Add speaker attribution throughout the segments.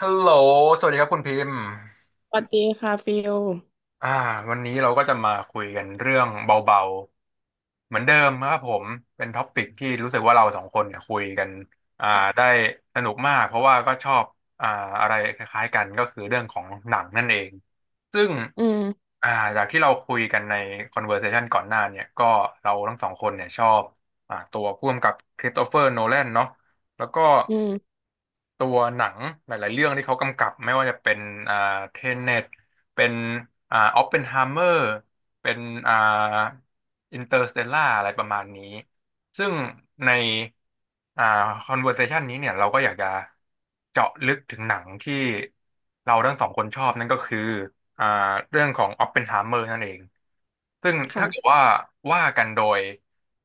Speaker 1: ฮัลโหลสวัสดีครับคุณพิมพ์
Speaker 2: สวัสดีค่ะฟิล
Speaker 1: อ่าวันนี้เราก็จะมาคุยกันเรื่องเบาๆเหมือนเดิมครับผม เป็นท็อปิกที่รู้สึกว่าเราสองคนเนี่ยคุยกันอ่าได้สนุกมาก เพราะว่าก็ชอบอ่าอะไรคล้ายๆกันก็คือเรื่องของหนังนั่นเอง ซึ่ง
Speaker 2: อืม
Speaker 1: อ่าจากที่เราคุยกันใน conversation ก่อนหน้าเนี่ย ก็เราทั้งสองคนเนี่ยชอบตัวผู้กำกับคริสโตเฟอร์โนแลนเนาะแล้วก็
Speaker 2: อืม
Speaker 1: ตัวหนังหลายๆเรื่องที่เขากำกับไม่ว่าจะเป็นอ่าเทเน็ตเป็นออปเพนไฮเมอร์เป็นอ่าอินเตอร์สเตลล่าอะไรประมาณนี้ซึ่งในอ่าคอนเวอร์เซชันนี้เนี่ยเราก็อยากจะเจาะลึกถึงหนังที่เราทั้งสองคนชอบนั่นก็คืออ่าเรื่องของออปเพนไฮเมอร์นั่นเองซึ่งถ้าเกิด
Speaker 2: ค่ะ
Speaker 1: ว่าว่ากันโดย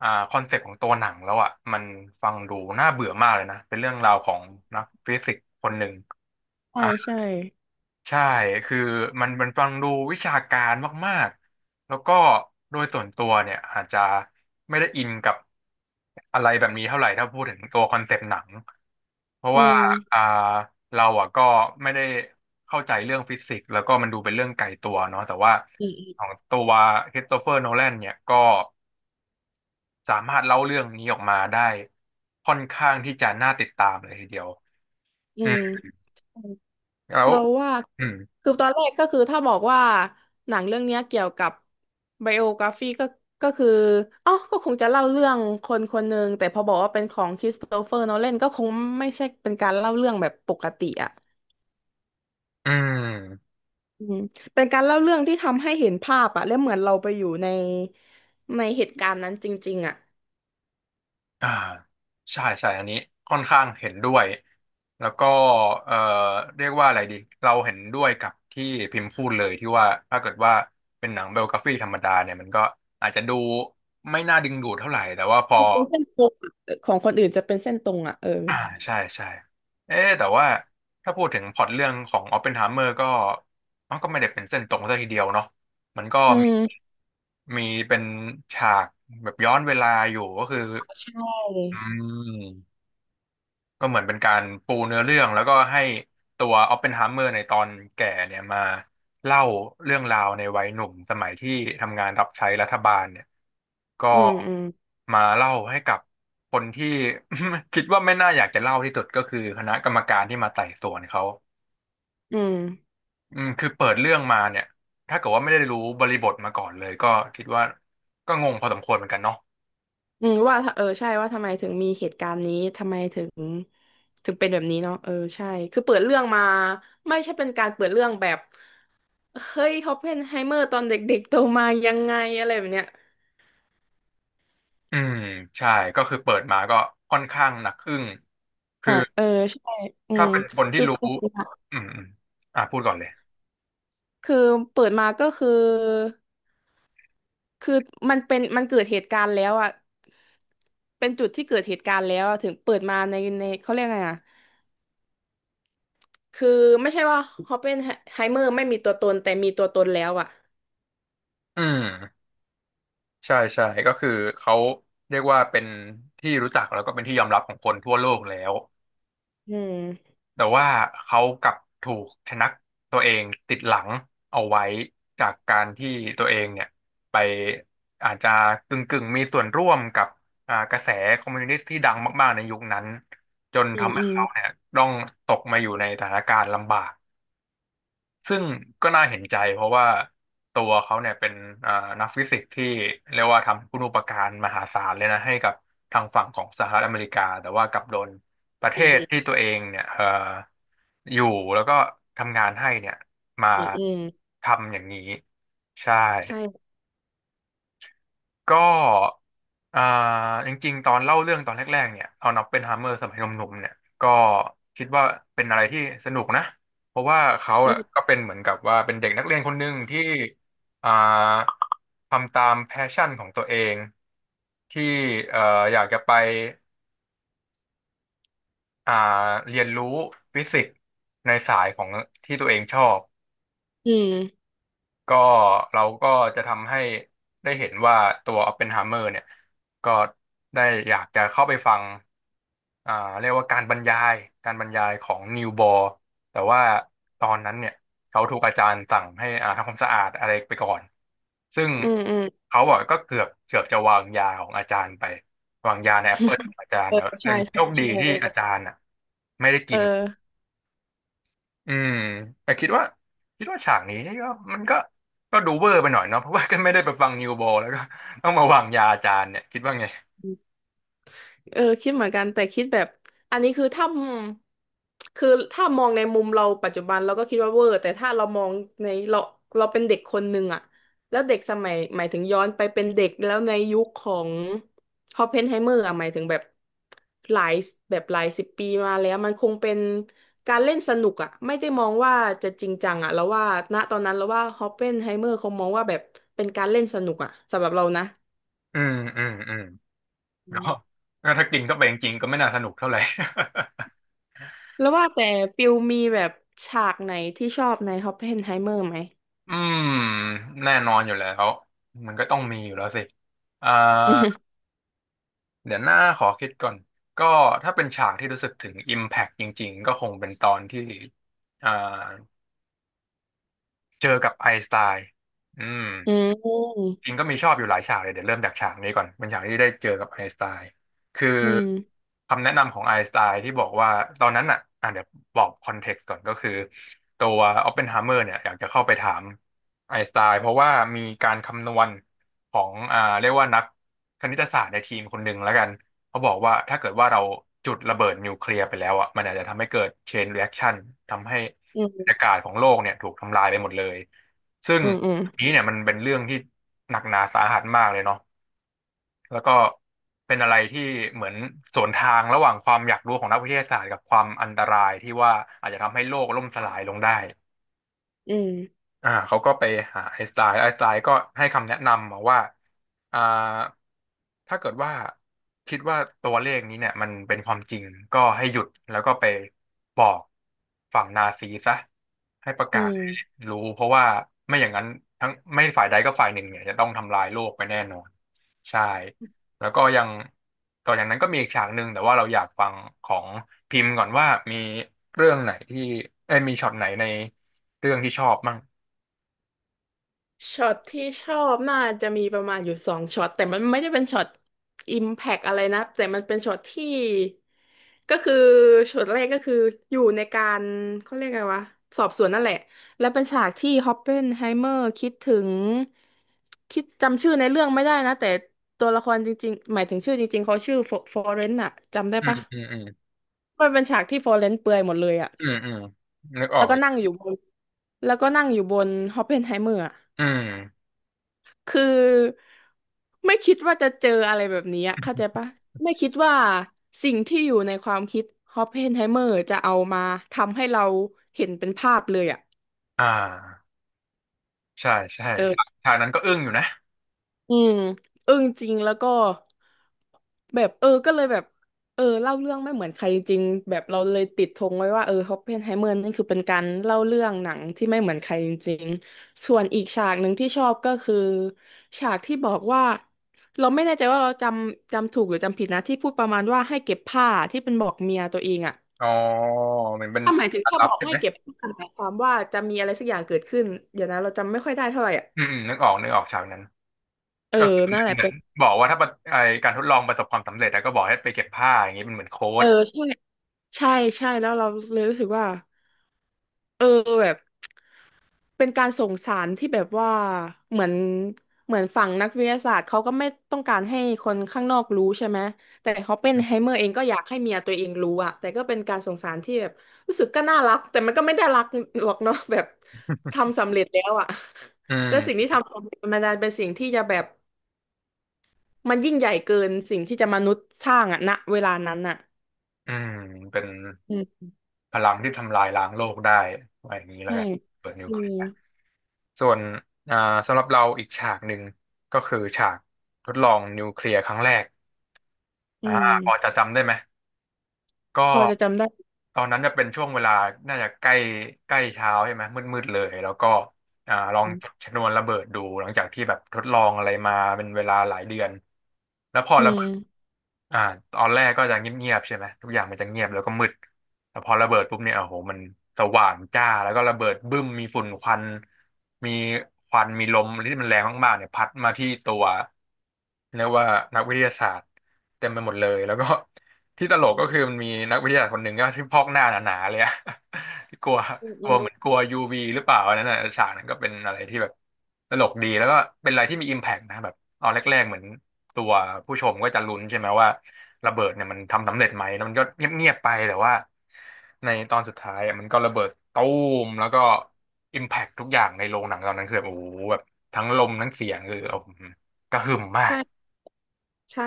Speaker 1: คอนเซ็ปต์ของตัวหนังแล้วอ่ะมันฟังดูน่าเบื่อมากเลยนะเป็นเรื่องราวของนักฟิสิกส์คนหนึ่ง
Speaker 2: ใช่
Speaker 1: อ่า
Speaker 2: ใช่
Speaker 1: ใช่คือมันฟังดูวิชาการมากๆแล้วก็โดยส่วนตัวเนี่ยอาจจะไม่ได้อินกับอะไรแบบนี้เท่าไหร่ถ้าพูดถึงตัวคอนเซ็ปต์หนังเพราะ
Speaker 2: อื
Speaker 1: ว่า
Speaker 2: ม
Speaker 1: อ่าเราอ่ะก็ไม่ได้เข้าใจเรื่องฟิสิกส์แล้วก็มันดูเป็นเรื่องไกลตัวเนาะแต่ว่า
Speaker 2: อื
Speaker 1: ขอ
Speaker 2: ม
Speaker 1: งตัวคริสโตเฟอร์โนแลนเนี่ยก็ สามารถเล่าเรื่องนี้ออกมาได้ค่อนข้างที่จะน่าติดตามเลยทีเดียว
Speaker 2: อื
Speaker 1: อืม
Speaker 2: ม
Speaker 1: แล้ว
Speaker 2: เราว่า
Speaker 1: อืม
Speaker 2: คือตอนแรกก็คือถ้าบอกว่าหนังเรื่องเนี้ยเกี่ยวกับไบโอกราฟีก็ก็คืออ๋อก็คงจะเล่าเรื่องคนคนหนึ่งแต่พอบอกว่าเป็นของคริสโตเฟอร์โนแลนก็คงไม่ใช่เป็นการเล่าเรื่องแบบปกติอ่ะ
Speaker 1: อืม
Speaker 2: อืมเป็นการเล่าเรื่องที่ทำให้เห็นภาพอ่ะและเหมือนเราไปอยู่ในในเหตุการณ์นั้นจริงๆอ่ะ
Speaker 1: อ่าใช่ใช่อันนี้ค่อนข้างเห็นด้วยแล้วก็เอ่อเรียกว่าอะไรดีเราเห็นด้วยกับที่พิมพ์พูดเลยที่ว่าถ้าเกิดว่าเป็นหนังไบโอกราฟีธรรมดาเนี่ยมันก็อาจจะดูไม่น่าดึงดูดเท่าไหร่แต่ว่าพอ
Speaker 2: เป็นเส้นตรงอะของคนอื่นจะเป็นเส้นตรงอ่ะเออ
Speaker 1: อ่าใช่ใช่เอ๊ะแต่ว่าถ้าพูดถึงพล็อตเรื่องของอ p ปเพนไฮเมอร์ก็มันก็ไม่ได้เป็นเส้นตรงซะทีเดียวเนาะมันก็
Speaker 2: อื
Speaker 1: มี
Speaker 2: ม
Speaker 1: มีเป็นฉากแบบย้อนเวลาอยู่ก็คือ
Speaker 2: ใช
Speaker 1: อื
Speaker 2: ่
Speaker 1: ม ก็เหมือนเป็นการปูเนื้อเรื่องแล้วก็ให้ตัวออปเพนไฮเมอร์ในตอนแก่เนี่ยมาเล่าเรื่องราวในวัยหนุ่มสมัยที่ทำงานรับใช้รัฐบาลเนี่ยก็
Speaker 2: อืมอืม
Speaker 1: มาเล่าให้กับคนที่ คิดว่าไม่น่าอยากจะเล่าที่สุดก็คือคณะกรรมการที่มาไต่สวนเขา
Speaker 2: อืม
Speaker 1: อืมคือเปิดเรื่องมาเนี่ยถ้าเกิดว่าไม่ได้รู้บริบทมาก่อนเลยก็คิดว่าก็งงพอสมควรเหมือนกันเนาะ
Speaker 2: อืมว่าถ้าเออใช่ว่าทำไมถึงมีเหตุการณ์นี้ทำไมถึงถึงเป็นแบบนี้เนาะเออใช่คือเปิดเรื่องมาไม่ใช่เป็นการเปิดเรื่องแบบเฮ้ยฮอปเพนไฮเมอร์ตอนเด็กๆโตมายังไงอะไรแบบเนี้ย
Speaker 1: อืมใช่ก็คือเปิดมาก็ค่อนข้างหนักอึ้งคือ
Speaker 2: อ่ะเออใช่อื
Speaker 1: ถ้า
Speaker 2: ม
Speaker 1: เป็นคนที่
Speaker 2: คือ
Speaker 1: รู้
Speaker 2: เปิดมา
Speaker 1: อืมอมอ่ะพูดก่อนเลย
Speaker 2: คือเปิดมาก็คือ คือมันเกิดเหตุการณ์แล้วอ่ะเป็นจุดที่เกิดเหตุการณ์แล้วอะถึงเปิดมาในในเขาเรียกไงอ่ะคือไม่ใช่ว่าฮอปเปนไฮเมอร์ไม่มีตัวตนแต่มีตัวตนแล้วอ่ะ
Speaker 1: อืมใช่ใช่ก็คือเขาเรียกว่าเป็นที่รู้จักแล้วก็เป็นที่ยอมรับของคนทั่วโลกแล้ว
Speaker 2: อืม
Speaker 1: แต่ว่าเขากลับถูกชะนักตัวเองติดหลังเอาไว้ จากการที่ตัวเองเนี่ยไปอาจจะกึ่งกึ่งมีส่วนร่วมกับกระแสคอมมิวนิสต์ที่ดังมากๆในยุคนั้นจน
Speaker 2: อืม
Speaker 1: ทำให้
Speaker 2: อืม
Speaker 1: เขาเนี่ยต้องตกมาอยู่ในสถานการณ์ลำบาก ซึ่งก็น่าเห็นใจเพราะว่าตัวเขาเนี่ยเป็นเอ่อนักฟิสิกส์ที่เรียกว่าทำคุณูปการมหาศาลเลยนะให้กับทางฝั่งของสหรัฐอเมริกาแต่ว่ากลับโดนประเท
Speaker 2: อื
Speaker 1: ศ
Speaker 2: ม
Speaker 1: ที่ตัวเองเนี่ยอยู่แล้วก็ทำงานให้เนี่ยมา
Speaker 2: อืมอืม
Speaker 1: ทำอย่างนี้ใช่
Speaker 2: ใช่
Speaker 1: ก็อ่าจริงๆตอนเล่าเรื่องตอนแรกๆเนี่ยเอาน็อปเป็นฮามเมอร์สมัยหนุ่มๆเนี่ยก็คิดว่าเป็นอะไรที่สนุกนะเพราะว่าเขา
Speaker 2: อื
Speaker 1: อะ
Speaker 2: ม
Speaker 1: ก็เป็นเหมือนกับว่าเป็นเด็กนักเรียนคนหนึ่งที่อ่าทำตามแพชชั่นของตัวเองที่เอ่ออยากจะไปอ่าเรียนรู้ฟิสิกส์ในสายของที่ตัวเองชอบ
Speaker 2: อืม
Speaker 1: ก็เราก็จะทำให้ได้เห็นว่าตัวอ p ปเพนไฮเมอร์เนี่ยก็ได้อยากจะเข้าไปฟังอ่าเรียกว่าการบรรยายของนิวบอร์แต่ว่าตอนนั้นเนี่ยเขาถูกอาจารย์สั่งให้ทำความสะอาดอะไรไปก่อนซึ่ง
Speaker 2: อืมอืม
Speaker 1: เขาบอกก็เกือบจะวางยาของอาจารย์ไปวางยาในแอปเปิลขอ งอาจาร
Speaker 2: เอ
Speaker 1: ย์
Speaker 2: อ
Speaker 1: เนอะ
Speaker 2: ใช่
Speaker 1: ยังโช
Speaker 2: ใช่
Speaker 1: คดี
Speaker 2: ใช่
Speaker 1: ที่อาจารย์อ่ะไม่ได้
Speaker 2: เอ
Speaker 1: กิน
Speaker 2: อ
Speaker 1: อืมแต่คิดว่าฉากนี้นี่ก็มันก็ดูเวอร์ไปหน่อยเนาะเพราะว่าก็ไม่ได้ไปฟังนิวโบแล้วก็ต้องมาวางยาอาจารย์เนี่ยคิดว่าไง
Speaker 2: เออคิดเหมือนกันแต่คิดแบบอันนี้คือถ้ามองในมุมเราปัจจุบันเราก็คิดว่าเวอร์แต่ถ้าเรามองในเราเราเป็นเด็กคนหนึ่งอะแล้วเด็กสมัยหมายถึงย้อนไปเป็นเด็กแล้วในยุคของฮอปเพนไฮเมอร์อะหมายถึงแบบหลายแบบหลายสิบปีมาแล้วมันคงเป็นการเล่นสนุกอะไม่ได้มองว่าจะจริงจังอะแล้วว่าณตอนนั้นเราว่าฮอปเพนไฮเมอร์เขามองว่าแบบเป็นการเล่นสนุกอะสำหรับเรานะ
Speaker 1: อืมอืมอืมก็ถ้ากินเข้าไปจริงๆก็ไม่น่าสนุกเท่าไหร่
Speaker 2: แล้วว่าแต่ปิวมีแบบฉากไหนที่ชอบในฮอปเพนไฮเมอร์ไหม
Speaker 1: อืมแน่นอนอยู่แล้วมันก็ต้องมีอยู่แล้วสิอ่าเดี๋ยวหน้าขอคิดก่อนก็ถ้าเป็นฉากที่รู้สึกถึง Impact จริงๆก็คงเป็นตอนที่อ่าเจอกับไอน์สไตน์อืม
Speaker 2: อืม
Speaker 1: จริงก็มีชอบอยู่หลายฉากเลยเดี๋ยวเริ่มจากฉากนี้ก่อนเป็นฉากที่ได้เจอกับไอน์สไตน์คือ
Speaker 2: อืม
Speaker 1: คำแนะนำของไอน์สไตน์ที่บอกว่าตอนนั้นอ่ะอ่ะเดี๋ยวบอกคอนเท็กซ์ก่อนก็คือตัวออปเพนไฮเมอร์เนี่ยอยากจะเข้าไปถามไอน์สไตน์เพราะว่ามีการคำนวณของเรียกว่านักคณิตศาสตร์ในทีมคนหนึ่งแล้วกันเขาบอกว่าถ้าเกิดว่าเราจุดระเบิดนิวเคลียร์ไปแล้วอ่ะมันอาจจะทำให้เกิดเชนรีแอคชั่นทำให้
Speaker 2: อื
Speaker 1: บรร
Speaker 2: ม
Speaker 1: ยากาศของโลกเนี่ยถูกทำลายไปหมดเลย ซึ่ง
Speaker 2: อืมอืม
Speaker 1: อันนี้เนี่ยมันเป็นเรื่องที่หนักหนาสาหัสมากเลยเนาะแล้วก็เป็นอะไรที่เหมือนสวนทางระหว่างความอยากรู้ของนักวิทยาศาสตร์กับความอันตรายที่ว่าอาจจะทำให้โลกล่มสลายลงได้
Speaker 2: อืม
Speaker 1: เขาก็ไปหาไอน์สไตน์ไอน์สไตน์ก็ให้คำแนะนำมาว่าอ่าถ้าเกิดว่าคิดว่าตัวเลขนี้เนี่ยมันเป็นความจริงก็ให้หยุดแล้วก็ไปบอกฝั่งนาซีซะให้ประ
Speaker 2: อื
Speaker 1: กาศให้
Speaker 2: ม
Speaker 1: รู้เพราะว่าไม่อย่างนั้นทั้งไม่ฝ่ายใดก็ฝ่ายหนึ่งเนี่ยจะต้องทำลายโลกไปแน่นอนใช่แล้วก็ยังต่อจากนั้นก็มีอีกฉากหนึ่งแต่ว่าเราอยากฟังของพิมพ์ก่อนว่ามีเรื่องไหนที่เอ้ยมีช็อตไหนในเรื่องที่ชอบมั่ง
Speaker 2: ช็อตที่ชอบน่าจะมีประมาณอยู่สองช็อตแต่มันไม่ได้เป็นช็อตอิมแพกอะไรนะแต่มันเป็นช็อตที่ก็คือช็อตแรกก็คืออยู่ในการเขาเรียกไงวะสอบสวนนั่นแหละและเป็นฉากที่ฮอปเปนไฮเมอร์คิดถึงจำชื่อในเรื่องไม่ได้นะแต่ตัวละครจริงๆหมายถึงชื่อจริงๆเขาชื่อฟอเรนต์อะจำได้
Speaker 1: อืม
Speaker 2: ปะ
Speaker 1: อืมอืม
Speaker 2: มันเป็นฉากที่ฟอเรนต์เปลือยหมดเลยอะ
Speaker 1: อืมอืมนึกออ
Speaker 2: แล้ว
Speaker 1: ก
Speaker 2: ก็นั่งอยู่บนแล้วก็นั่งอยู่บนฮอปเปนไฮเมอร์
Speaker 1: อืม
Speaker 2: คือไม่คิดว่าจะเจออะไรแบบนี้อะเข้าใจปะไม่คิดว่าสิ่งที่อยู่ในความคิดฮอปเพนไฮเมอร์จะเอามาทำให้เราเห็นเป็นภาพเลยอ่ะ
Speaker 1: อ่าใช่ใช่
Speaker 2: เออ
Speaker 1: ฉากนั้นก็อึ้งอยู่นะ
Speaker 2: อืมอึ้งจริงแล้วก็แบบเออก็เลยแบบเออเล่าเรื่องไม่เหมือนใครจริงแบบเราเลยติดธงไว้ว่าเออฮอปเพนไฮเมอร์นี่คือเป็นการเล่าเรื่องหนังที่ไม่เหมือนใครจริงส่วนอีกฉากหนึ่งที่ชอบก็คือฉากที่บอกว่าเราไม่แน่ใจว่าเราจำถูกหรือจำผิดนะที่พูดประมาณว่าให้เก็บผ้าที่เป็นบอกเมียตัวเองอะ
Speaker 1: อ๋อเหมือนเป็น
Speaker 2: ถ้าหมายถึง
Speaker 1: การ
Speaker 2: ถ้า
Speaker 1: ลั
Speaker 2: บ
Speaker 1: บ
Speaker 2: อก
Speaker 1: ใช่
Speaker 2: ให้
Speaker 1: ไหม
Speaker 2: เก็บผ้าหมายความว่าจะมีอะไรสักอย่างเกิดขึ้นเดี๋ยวนะเราจำไม่ค่อยได้เท่าไหร่อะ
Speaker 1: อืมอืมนึกออกนึกออกฉากนั้น
Speaker 2: เออ
Speaker 1: ก็คือเห
Speaker 2: นั่น
Speaker 1: มือ
Speaker 2: แห
Speaker 1: น
Speaker 2: ละ
Speaker 1: เหมือ
Speaker 2: เป็
Speaker 1: น
Speaker 2: น
Speaker 1: บอกว่าถ้าประไอการทดลองประสบความสำเร็จแล้วก็บอกให้ไปเก็บผ้าอย่างนี้เป็นเหมือนโค้
Speaker 2: เออ
Speaker 1: ด
Speaker 2: ใช่ ใช่ใช่แล้วเราเลยรู้สึกว่าเออแบบเป็นการส่งสารที่แบบว่าเหมือนเหมือนฝั่งนักวิทยาศาสตร์เขาก็ไม่ต้องการให้คนข้างนอกรู้ใช่ไหมแต่ฮอปเปนไฮเมอร์เองก็อยากให้เมียตัวเองรู้อะแต่ก็เป็นการส่งสารที่แบบรู้สึกก็น่ารักแต่มันก็ไม่ได้รักหรอกเนาะ แบบทำสำเร็จแล้วอะ
Speaker 1: อื
Speaker 2: แล้วสิ่ง
Speaker 1: ม
Speaker 2: ที่ทำสำเร็จมันดันเป็นสิ่งที่จะแบบมันยิ่งใหญ่เกินสิ่งที่จะมนุษย์สร้างอะณเวลานั้นอะ
Speaker 1: อืมเป็น
Speaker 2: อืม
Speaker 1: พลังที่ทำลายล้างโลกได้อะไรอย่างนี้แล้ว
Speaker 2: ใช่
Speaker 1: กัน เปิดนิว
Speaker 2: อื
Speaker 1: เคลี
Speaker 2: ม
Speaker 1: ยร์ส่วนอ่าสำหรับเราอีกฉากหนึ่งก็คือฉากทดลองนิวเคลียร์ครั้งแรก
Speaker 2: อื
Speaker 1: อ่า
Speaker 2: ม
Speaker 1: พอจะจำได้ไหม
Speaker 2: พ
Speaker 1: ก็
Speaker 2: อจะจำได้
Speaker 1: ตอนนั้นจะเป็นช่วงเวลาน่าจะใกล้ใกล้เช้าใช่ไหมมืดมืดเลยแล้วก็ลองจุดชนวนระเบิดดูหลังจากที่แบบทดลองอะไรมาเป็นเวลาหลายเดือนแล้วพอ
Speaker 2: อื
Speaker 1: ระ
Speaker 2: ม
Speaker 1: เบิดอ่าตอนแรกก็จะเงียบๆใช่ไหมทุกอย่างมันจะเงียบแล้วก็มืดแต่พอระเบิดปุ๊บเนี่ยโอ้โหมันสว่างจ้าแล้วก็ระเบิดบึ้มมีฝุ่นควันมีควันมีลมที่มันแรงมากๆเนี่ยพัดมาที่ตัวเรียกว่านักวิทยาศาสตร์เต็มไปหมดเลยแล้วก็ ที่ตลกก็คือมันมีนักวิทยาศาสตร์คนหนึ่งก็ที่พอกหน้าหนาๆเลยอะ กลัว
Speaker 2: อืม
Speaker 1: ก
Speaker 2: อื
Speaker 1: ลัว
Speaker 2: ม
Speaker 1: เหมือนกลัว UV หรือเปล่าอันนั้นน่ะฉากนั้นก็เป็นอะไรที่แบบตลกดีแล้วก็เป็นอะไรที่มี impact นะแบบตอนแรกๆเหมือนตัวผู้ชมก็จะลุ้นใช่ไหมว่าระเบิดเนี่ยมันทำสำเร็จไหมแล้วมันก็เงียบๆไปแต่ว่าในตอนสุดท้ายอะมันก็ระเบิดตู้มแล้วก็ impact ทุกอย่างในโรงหนังตอนนั้นคือแบบโอ้โหแบบทั้งลมทั้งเสียงคือโอ้โหกระหึ่มมาก
Speaker 2: ใช่ใช่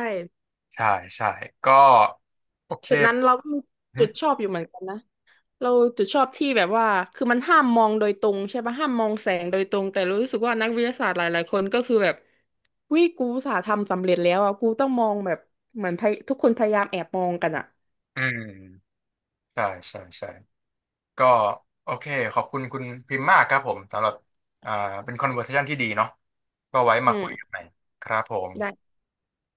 Speaker 1: ใช่ใช่ก็โอเค
Speaker 2: จุดนั้นเราก็มีจุดชอบอยู่เหมือนกันนะเราจุดชอบที่แบบว่าคือมันห้ามมองโดยตรงใช่ปะห้ามมองแสงโดยตรงแต่รู้สึกว่านักวิทยาศาสตร์หลายๆคนก็คือแบบวิกูอุตสาห์ทำสำเร็จแล้วอ่ะกูต้องมองแบบเหมือนพยทุกคนพยายามแอบมองกันอ่ะ
Speaker 1: อืมใช่ใช่ใช่ก็โอเคขอบคุณคุณพิมพ์มากครับผมสำหรับอ่าเป็นคอนเวอร์เซชันที่ดีเนาะก็ไว้
Speaker 2: อื
Speaker 1: มาคุ
Speaker 2: ม
Speaker 1: ยกันใหม่ครับผม
Speaker 2: ได้